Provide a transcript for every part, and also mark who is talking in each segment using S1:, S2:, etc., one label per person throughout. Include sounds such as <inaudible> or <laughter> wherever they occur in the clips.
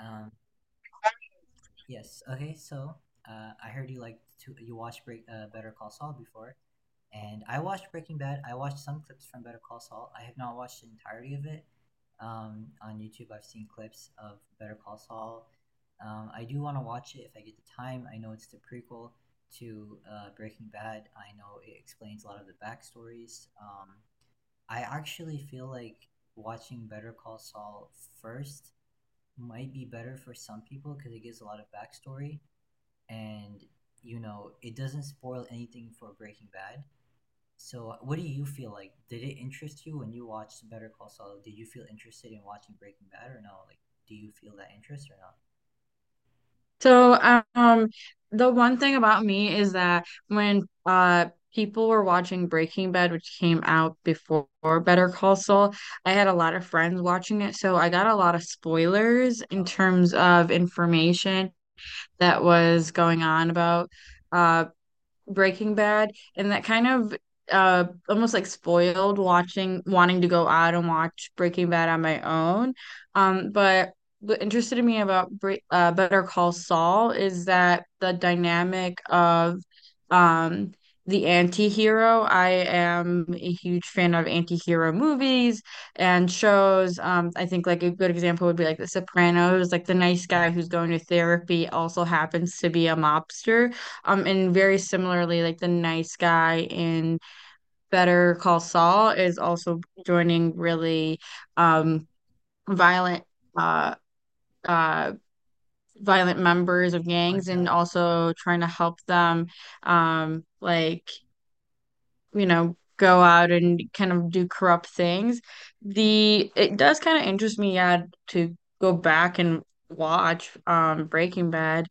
S1: Um, yes. Okay. So I heard you like to you watched Break Better Call Saul before, and I watched Breaking Bad. I watched some clips from Better Call Saul. I have not watched the entirety of it. On YouTube, I've seen clips of Better Call Saul. I do want to watch it if I get the time. I know it's the prequel to Breaking Bad. I know it explains a lot of the backstories. I actually feel like watching Better Call Saul first might be better for some people because it gives a lot of backstory and it doesn't spoil anything for Breaking Bad. So what do you feel like? Did it interest you when you watched Better Call Saul? Did you feel interested in watching Breaking Bad or no? Like, do you feel that interest or
S2: So, um, the one thing about me is that when people were watching Breaking Bad, which came out before Better Call Saul, I had a lot of friends watching it, so I got a lot of spoilers in
S1: not?
S2: terms of information that was going on about uh Breaking Bad, and that kind of almost like spoiled watching wanting to go out and watch Breaking Bad on my own. But what interested me about Bre Better Call Saul is that the dynamic of um the anti-hero. I am a huge fan of anti-hero movies and shows. I think like a good example would be like The Sopranos, like the nice
S1: Uh,
S2: guy
S1: uh
S2: who's going to therapy also happens to be a mobster. And very similarly, like The Nice Guy in Better Call Saul is also joining really um violent uh uh violent members of gangs and
S1: cartels, yeah,
S2: also trying to help them like go out and kind of do corrupt things. The it does kind of interest me, yeah, to go back and watch Breaking Bad.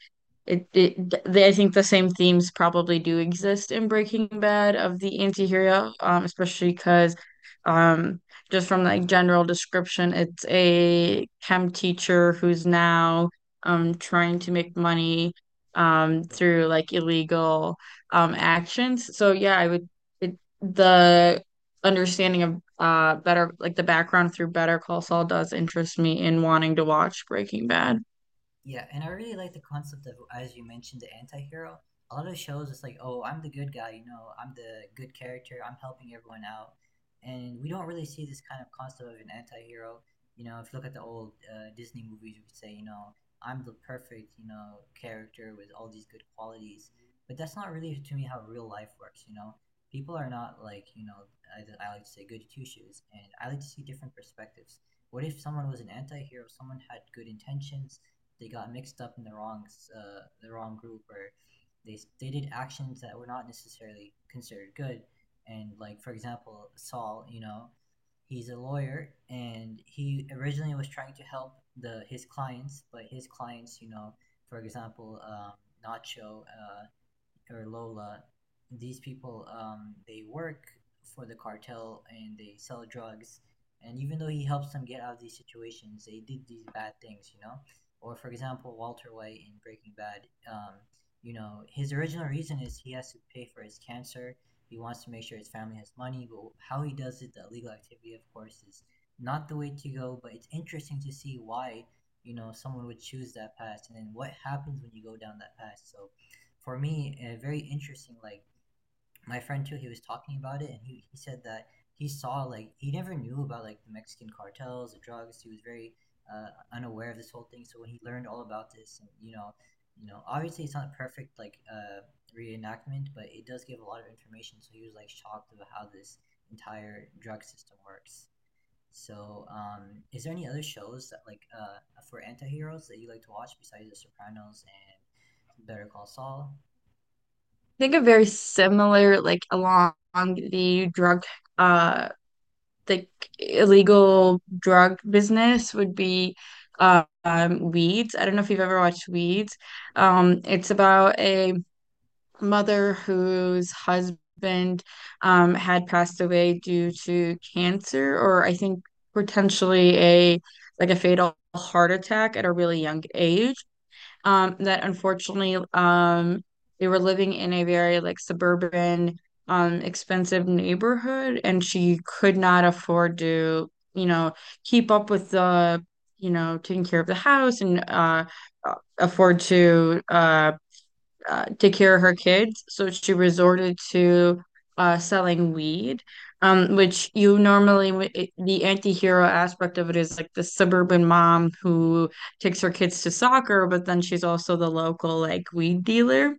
S2: I think the same themes probably do exist in Breaking Bad of the anti-hero, especially because um just from like general description, it's a chem teacher who's now trying to make money
S1: yeah.
S2: through like illegal actions. So yeah, the understanding of better like the background through Better Call Saul does interest me in wanting to watch Breaking Bad. I
S1: Yeah, and I really like the concept of, as you mentioned, the anti-hero. A lot of shows, it's like, oh, I'm the good guy, I'm the good character, I'm helping everyone out. And we don't really see this kind of concept of an anti-hero. You know, if you look at the old Disney movies, you would say, I'm the perfect, character with all these good qualities. But that's not really, to me, how real life works, you know? People are not like, I like to say goody two-shoes, and I like to see different perspectives. What if someone was an anti-hero, someone had good intentions, they got mixed up in the wrong group or they did actions that were not necessarily considered good. And like for example Saul, you know, he's a lawyer and he originally was trying to help the his clients, but his clients, for example, Nacho, or Lola, these people, they work for the cartel and they sell drugs. And even though he helps them get out of these situations, they did these bad things, you know. Or for example, Walter White in Breaking Bad, you know, his original reason is he has to pay for his cancer. He wants to make sure his family has money, but how he does it, the illegal activity, of course, is not the way to go. But it's interesting to see why, someone would choose that path and then what happens when you go down that path. So for me, very interesting. Like my friend too, he was talking about it, and he said that he saw, like, he never knew about like the Mexican cartels, the drugs. He was very uh, unaware of this whole thing. So when he learned all about this, and you know, obviously it's not perfect, like reenactment, but it does give a lot of information. So he was like shocked about how this entire drug system works. So is there any other shows that like for anti-heroes that you like to watch besides The Sopranos and Better Call Saul?
S2: think a very similar like along uh the illegal drug business would be Weeds. I don't know if you've ever watched Weeds. It's about a mother whose husband had passed away due to cancer, or I think potentially a like a fatal heart attack at a really young age. That unfortunately, they were living in a very like suburban, expensive neighborhood, and she could not afford to, keep up with the taking care of the house and afford to take care of her kids, so she resorted to selling weed, which you normally the anti-hero aspect of it is like the suburban mom
S1: Yeah,
S2: who takes her kids to soccer, but then she's also the local like weed dealer.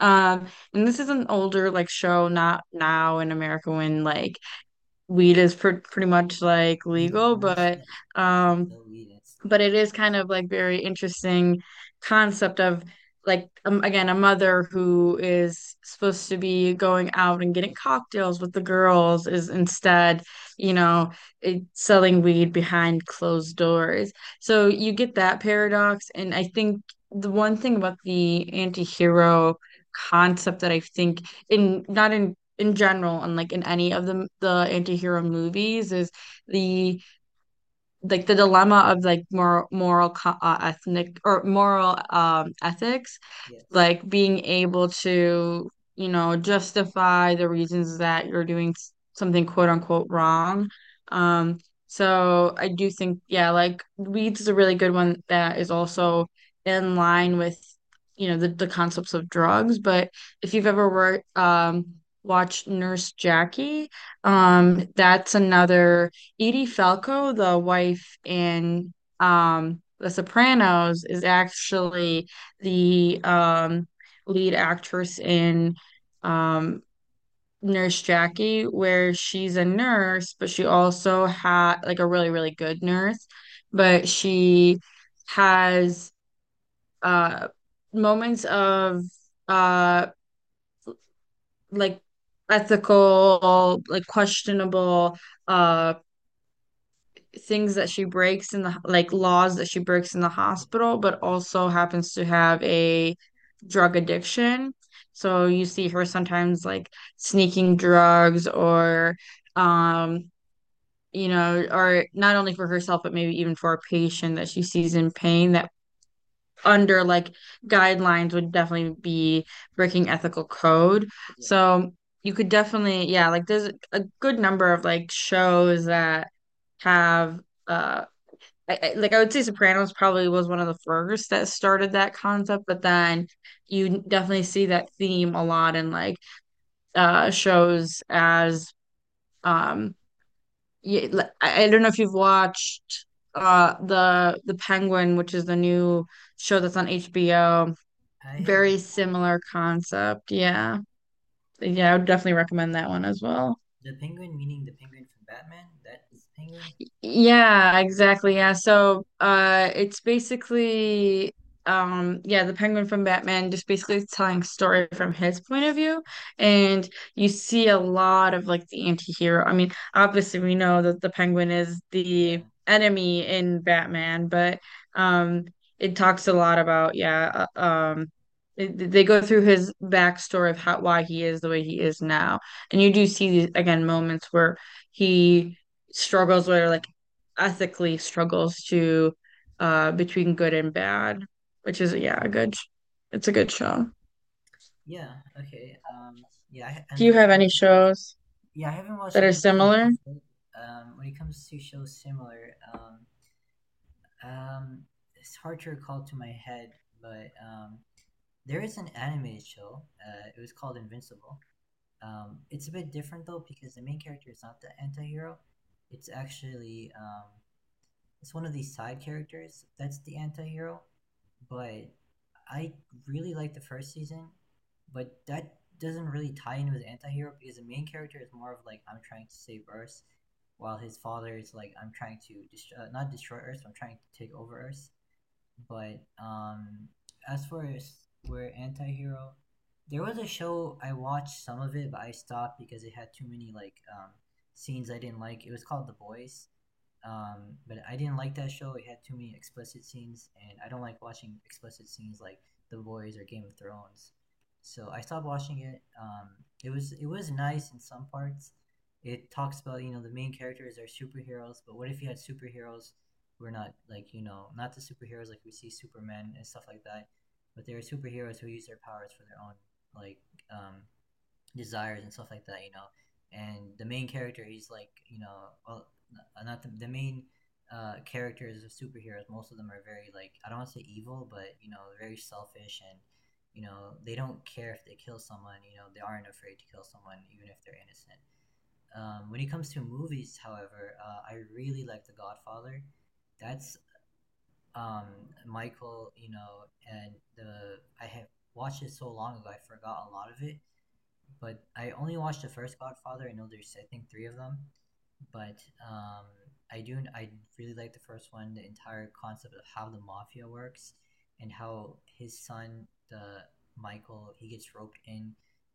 S2: Um, and this is an older like show, not now in America when like weed is pr pretty much like
S1: legal.
S2: legal,
S1: Now it's like you can
S2: um
S1: still weed. It's
S2: but
S1: legal.
S2: it is kind of like very interesting concept of like again a mother who is supposed to be going out and getting cocktails with the girls is
S1: Yeah.
S2: instead you know selling weed behind closed doors, so you get that paradox. And I think the one thing about the anti-hero concept that I think in not in in general and like in any of the anti-hero movies is the like the dilemma of like ethnic or moral ethics,
S1: Yes.
S2: like being able to, justify the reasons that you're doing something quote unquote wrong. Um, so I do think, yeah, like Weeds is a really good one that is also in line with, the concepts of drugs. But if you've ever watched Nurse Jackie, that's another. Edie Falco, the wife in The Sopranos, is
S1: Yeah.
S2: actually the lead actress in um Nurse Jackie, where she's a nurse, but she also had like a really, really good nurse, but she has uh moments of uh like ethical, like questionable uh things that she breaks in the like laws that she breaks in the
S1: Yeah.
S2: hospital, but also happens to have a drug addiction. So you see her sometimes like sneaking drugs or um or not only for herself but maybe even for a patient that she sees in pain that under like guidelines would definitely be breaking ethical
S1: Maybe.
S2: code.
S1: Yeah.
S2: So you could definitely, yeah, like there's a good number of like shows that have uh like I would say Sopranos probably was one of the first that
S1: Yeah.
S2: started that concept, but then you definitely see that theme a lot in like shows as um yeah, like, I don't know if you've watched the Penguin, which is the new show that's on HBO.
S1: I have no
S2: Very
S1: knowledge.
S2: similar concept. Yeah. Yeah, I would definitely recommend that one as well.
S1: The Penguin, meaning the Penguin from Batman. That's Penguin.
S2: Yeah, exactly. Yeah. So, it's basically, yeah, the Penguin from Batman just basically is telling a story from his point of view, and you see a lot of like the anti-hero. I mean, obviously we know that the Penguin is
S1: Yeah.
S2: the enemy in Batman, but um, it talks a lot about they go through his backstory of how why he is the way he is now, and you do see these again moments where he struggles with like ethically struggles to between good and bad, which is, yeah, a good, it's a good show.
S1: Yeah. Okay. Yeah. I,
S2: Do you have
S1: unfortunately,
S2: any shows
S1: yeah, I haven't watched
S2: that
S1: any
S2: are
S1: of the shows
S2: similar?
S1: he's made. When it comes to shows similar, um, it's hard to recall to my head, but there is an anime show. It was called Invincible. It's a bit different though because the main character is not the anti-hero. It's actually it's one of these side characters that's the anti-hero. But I really like the first season, but that doesn't really tie in with the anti-hero because the main character is more of like I'm trying to save Earth, while his father is like I'm trying to destroy, not destroy Earth, I'm trying to take over Earth. But as for where anti-hero, there was a show I watched some of it, but I stopped because it had too many like scenes I didn't like. It was called The Boys. But I didn't like that show. It had too many explicit scenes, and I don't like watching explicit scenes like The Boys or Game of Thrones. So I stopped watching it. It was nice in some parts. It talks about, you know, the main characters are superheroes, but what if you had superheroes who are not like, you know, not the superheroes like we see Superman and stuff like that, but they are superheroes who use their powers for their own like um, desires and stuff like that, you know. And the main character, he's like, you know, well, not the main characters of superheroes. Most of them are very like, I don't want to say evil, but you know, very selfish and you know they don't care if they kill someone. You know, they aren't afraid to kill someone even if they're innocent. When it comes to movies, however, I really like The Godfather. That's um, Michael, you know, and the I have watched it so long ago, I forgot a lot of it, but I only watched the first Godfather. I know there's I think three of them, but um, I really like the first one. The entire concept of how the mafia works and how his son, the Michael, he gets roped in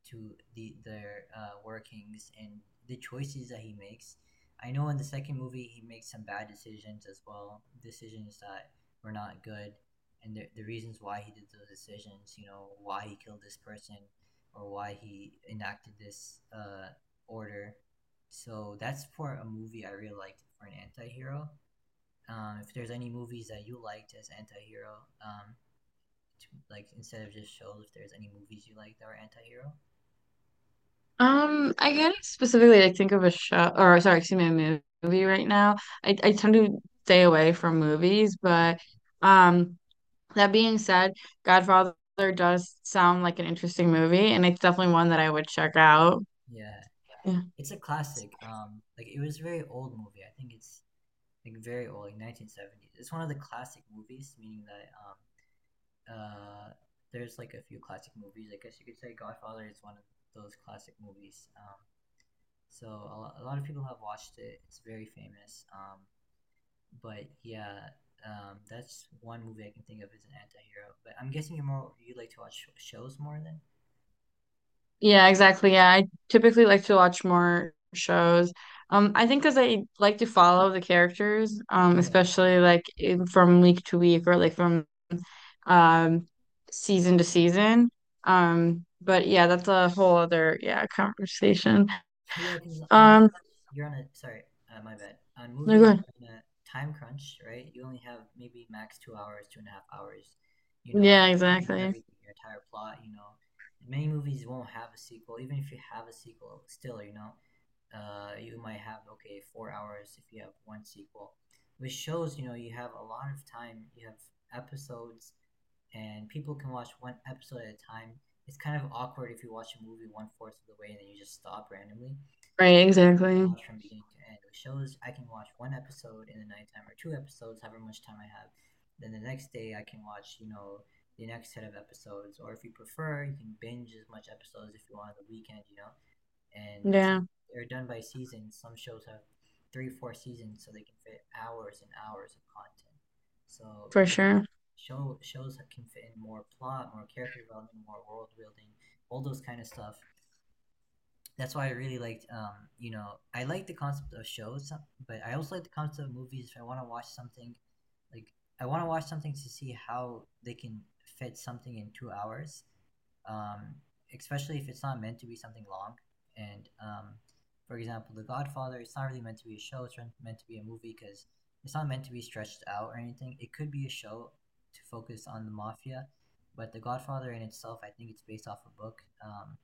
S1: to their workings and the choices that he makes. I know in the second movie he makes some bad decisions as well, decisions that were not good, and the reasons why he did those decisions. You know why he killed this person, or why he enacted this order. So that's for a movie I really liked for an anti-hero. If there's any movies that you liked as anti-hero, um, to, like instead of just shows, if there's any movies you like that were anti-hero,
S2: I can't specifically like think of a show, or sorry, excuse me, a movie right now. I tend to stay away from movies,
S1: uh,
S2: but um, that being said, Godfather does sound like an interesting movie, and it's definitely one that I would check out.
S1: yeah,
S2: Yeah.
S1: it's a classic. Like it was a very old movie. I think it's like very old, like 1970s. It's one of the classic movies, meaning that um, uh, there's like a few classic movies. I guess you could say Godfather is one of those classic movies. So a lot of people have watched it. It's very famous. But yeah, that's one movie I can think of as an anti-hero. But I'm guessing you're more you like to watch shows more than
S2: Yeah, exactly. Yeah, I typically like to watch more shows. I think because I like to follow the characters,
S1: yeah,
S2: especially like in, from week to week or like from um season to season. But yeah, that's a whole other yeah conversation.
S1: <laughs> yeah. Because on
S2: Um,
S1: movies you're on a sorry, my bad. On
S2: no
S1: movies you're
S2: good.
S1: on a time crunch, right? You only have maybe max 2 hours, two and a half hours. You know,
S2: Yeah,
S1: in
S2: exactly.
S1: everything, your entire plot. You know, many movies won't have a sequel. Even if you have a sequel, still, you know, you might have okay 4 hours if you have one sequel. Which shows, you know, you have a lot of time, you have episodes and people can watch one episode at a time. It's kind of awkward if you watch a movie one fourth of the way and then you just stop randomly.
S2: Right,
S1: I
S2: exactly.
S1: watch from beginning to end. Which shows, I can watch one episode in the nighttime or two episodes however much time I have, then the next day I can watch, you know, the next set of episodes, or if you prefer you can binge as much episodes if you want on the weekend, you know. And
S2: Yeah,
S1: they're done by season. Some shows have three, four seasons, so they can fit hours and hours of content. So
S2: for
S1: you know,
S2: sure.
S1: shows that can fit in more plot, more character development, more world building, all those kind of stuff. That's why I really liked, you know, I like the concept of shows, but I also like the concept of movies. If I want to watch something, like I want to watch something to see how they can fit something in 2 hours, um, especially if it's not meant to be something long. And for example, The Godfather, it's not really meant to be a show. It's meant to be a movie because it's not meant to be stretched out or anything. It could be a show to focus on the mafia, but The Godfather in itself, I think it's based off a book.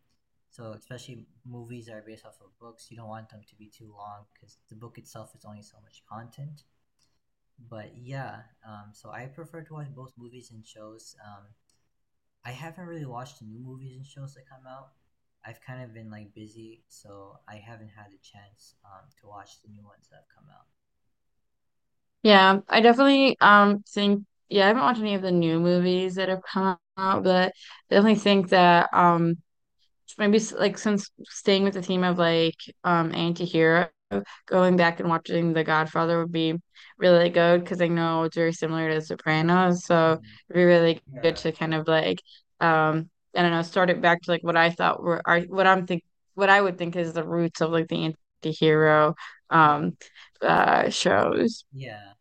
S1: So especially movies that are based off of books, you don't want them to be too long because the book itself is only so much content. But yeah, so I prefer to watch both movies and shows. I haven't really watched the new movies and shows that come out. I've kind of been like busy, so I haven't had a chance to watch the new ones that have come out.
S2: Yeah, I definitely think, yeah, I haven't watched any of the new movies that have come out, but I definitely think that maybe like since staying with the theme of like anti-hero, going back and watching The Godfather would be really good because I know it's very similar to Sopranos, so it'd be really
S1: Yeah,
S2: good to
S1: yeah,
S2: kind of like I don't know, start it back to like what I thought were are what I'm think what I would think is the roots of like the anti-hero
S1: yeah,
S2: um shows.
S1: yeah.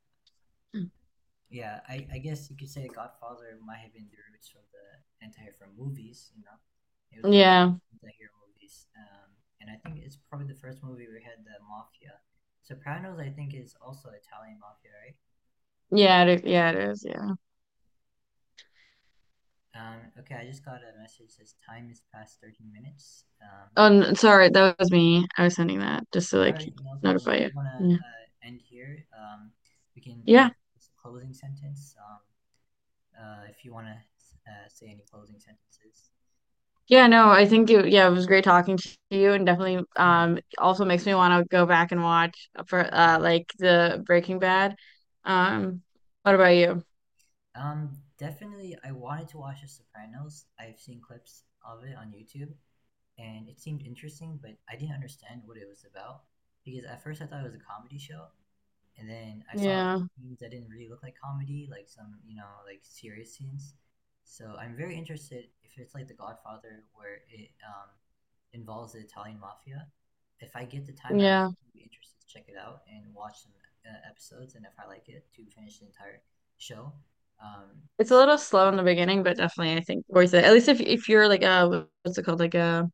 S1: Yeah, I guess you could say Godfather might have been the roots of the anti hero movies, you know. It was one of
S2: Yeah,
S1: the anti hero movies. And I think it's probably the first movie we had the mafia. Sopranos, I think, is also Italian mafia, right?
S2: yeah
S1: Yeah.
S2: it is, yeah.
S1: Okay, I just got a message says time is past 13 minutes.
S2: Oh, sorry, that was me. I was sending that just to
S1: All
S2: like
S1: right, no problem.
S2: notify you.
S1: We want to
S2: Yeah.
S1: end here. We can
S2: Yeah.
S1: end with a closing sentence, if you want to say any closing sentences.
S2: Yeah, no, I think yeah, it was great talking to you and definitely
S1: Yeah,
S2: also makes me want to go back and watch for
S1: yeah.
S2: like the Breaking Bad. Um, what about you?
S1: Definitely, I wanted to watch The Sopranos. I've seen clips of it on YouTube, and it seemed interesting, but I didn't understand what it was about because at first I thought it was a comedy show, and then I saw like
S2: Yeah.
S1: scenes that didn't really look like comedy, like some you know like serious scenes. So I'm very interested if it's like The Godfather, where it involves the Italian mafia. If I get the time, I would
S2: Yeah.
S1: definitely be interested to check it out and watch some episodes, and if I like it, to finish the entire show. Um,
S2: It's a
S1: so
S2: little slow in the beginning, but definitely I think worth it. At least if you're like a what's it called? Like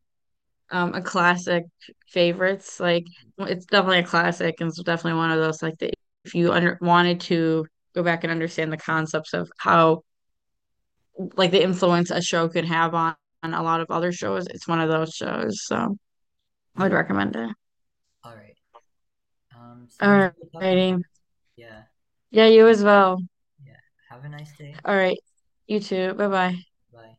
S2: a classic favorites, like, well, it's definitely a classic and it's definitely one of those like that if you under wanted to go back and understand the concepts of how like the influence a show could have on a lot of other shows. It's one of those shows, so I would
S1: yeah,
S2: recommend it.
S1: all right. So it was
S2: All
S1: good talking to you.
S2: righty.
S1: Yeah,
S2: Yeah,
S1: um,
S2: you as well.
S1: yeah. Have a nice day.
S2: All right. You too. Bye bye.
S1: Bye.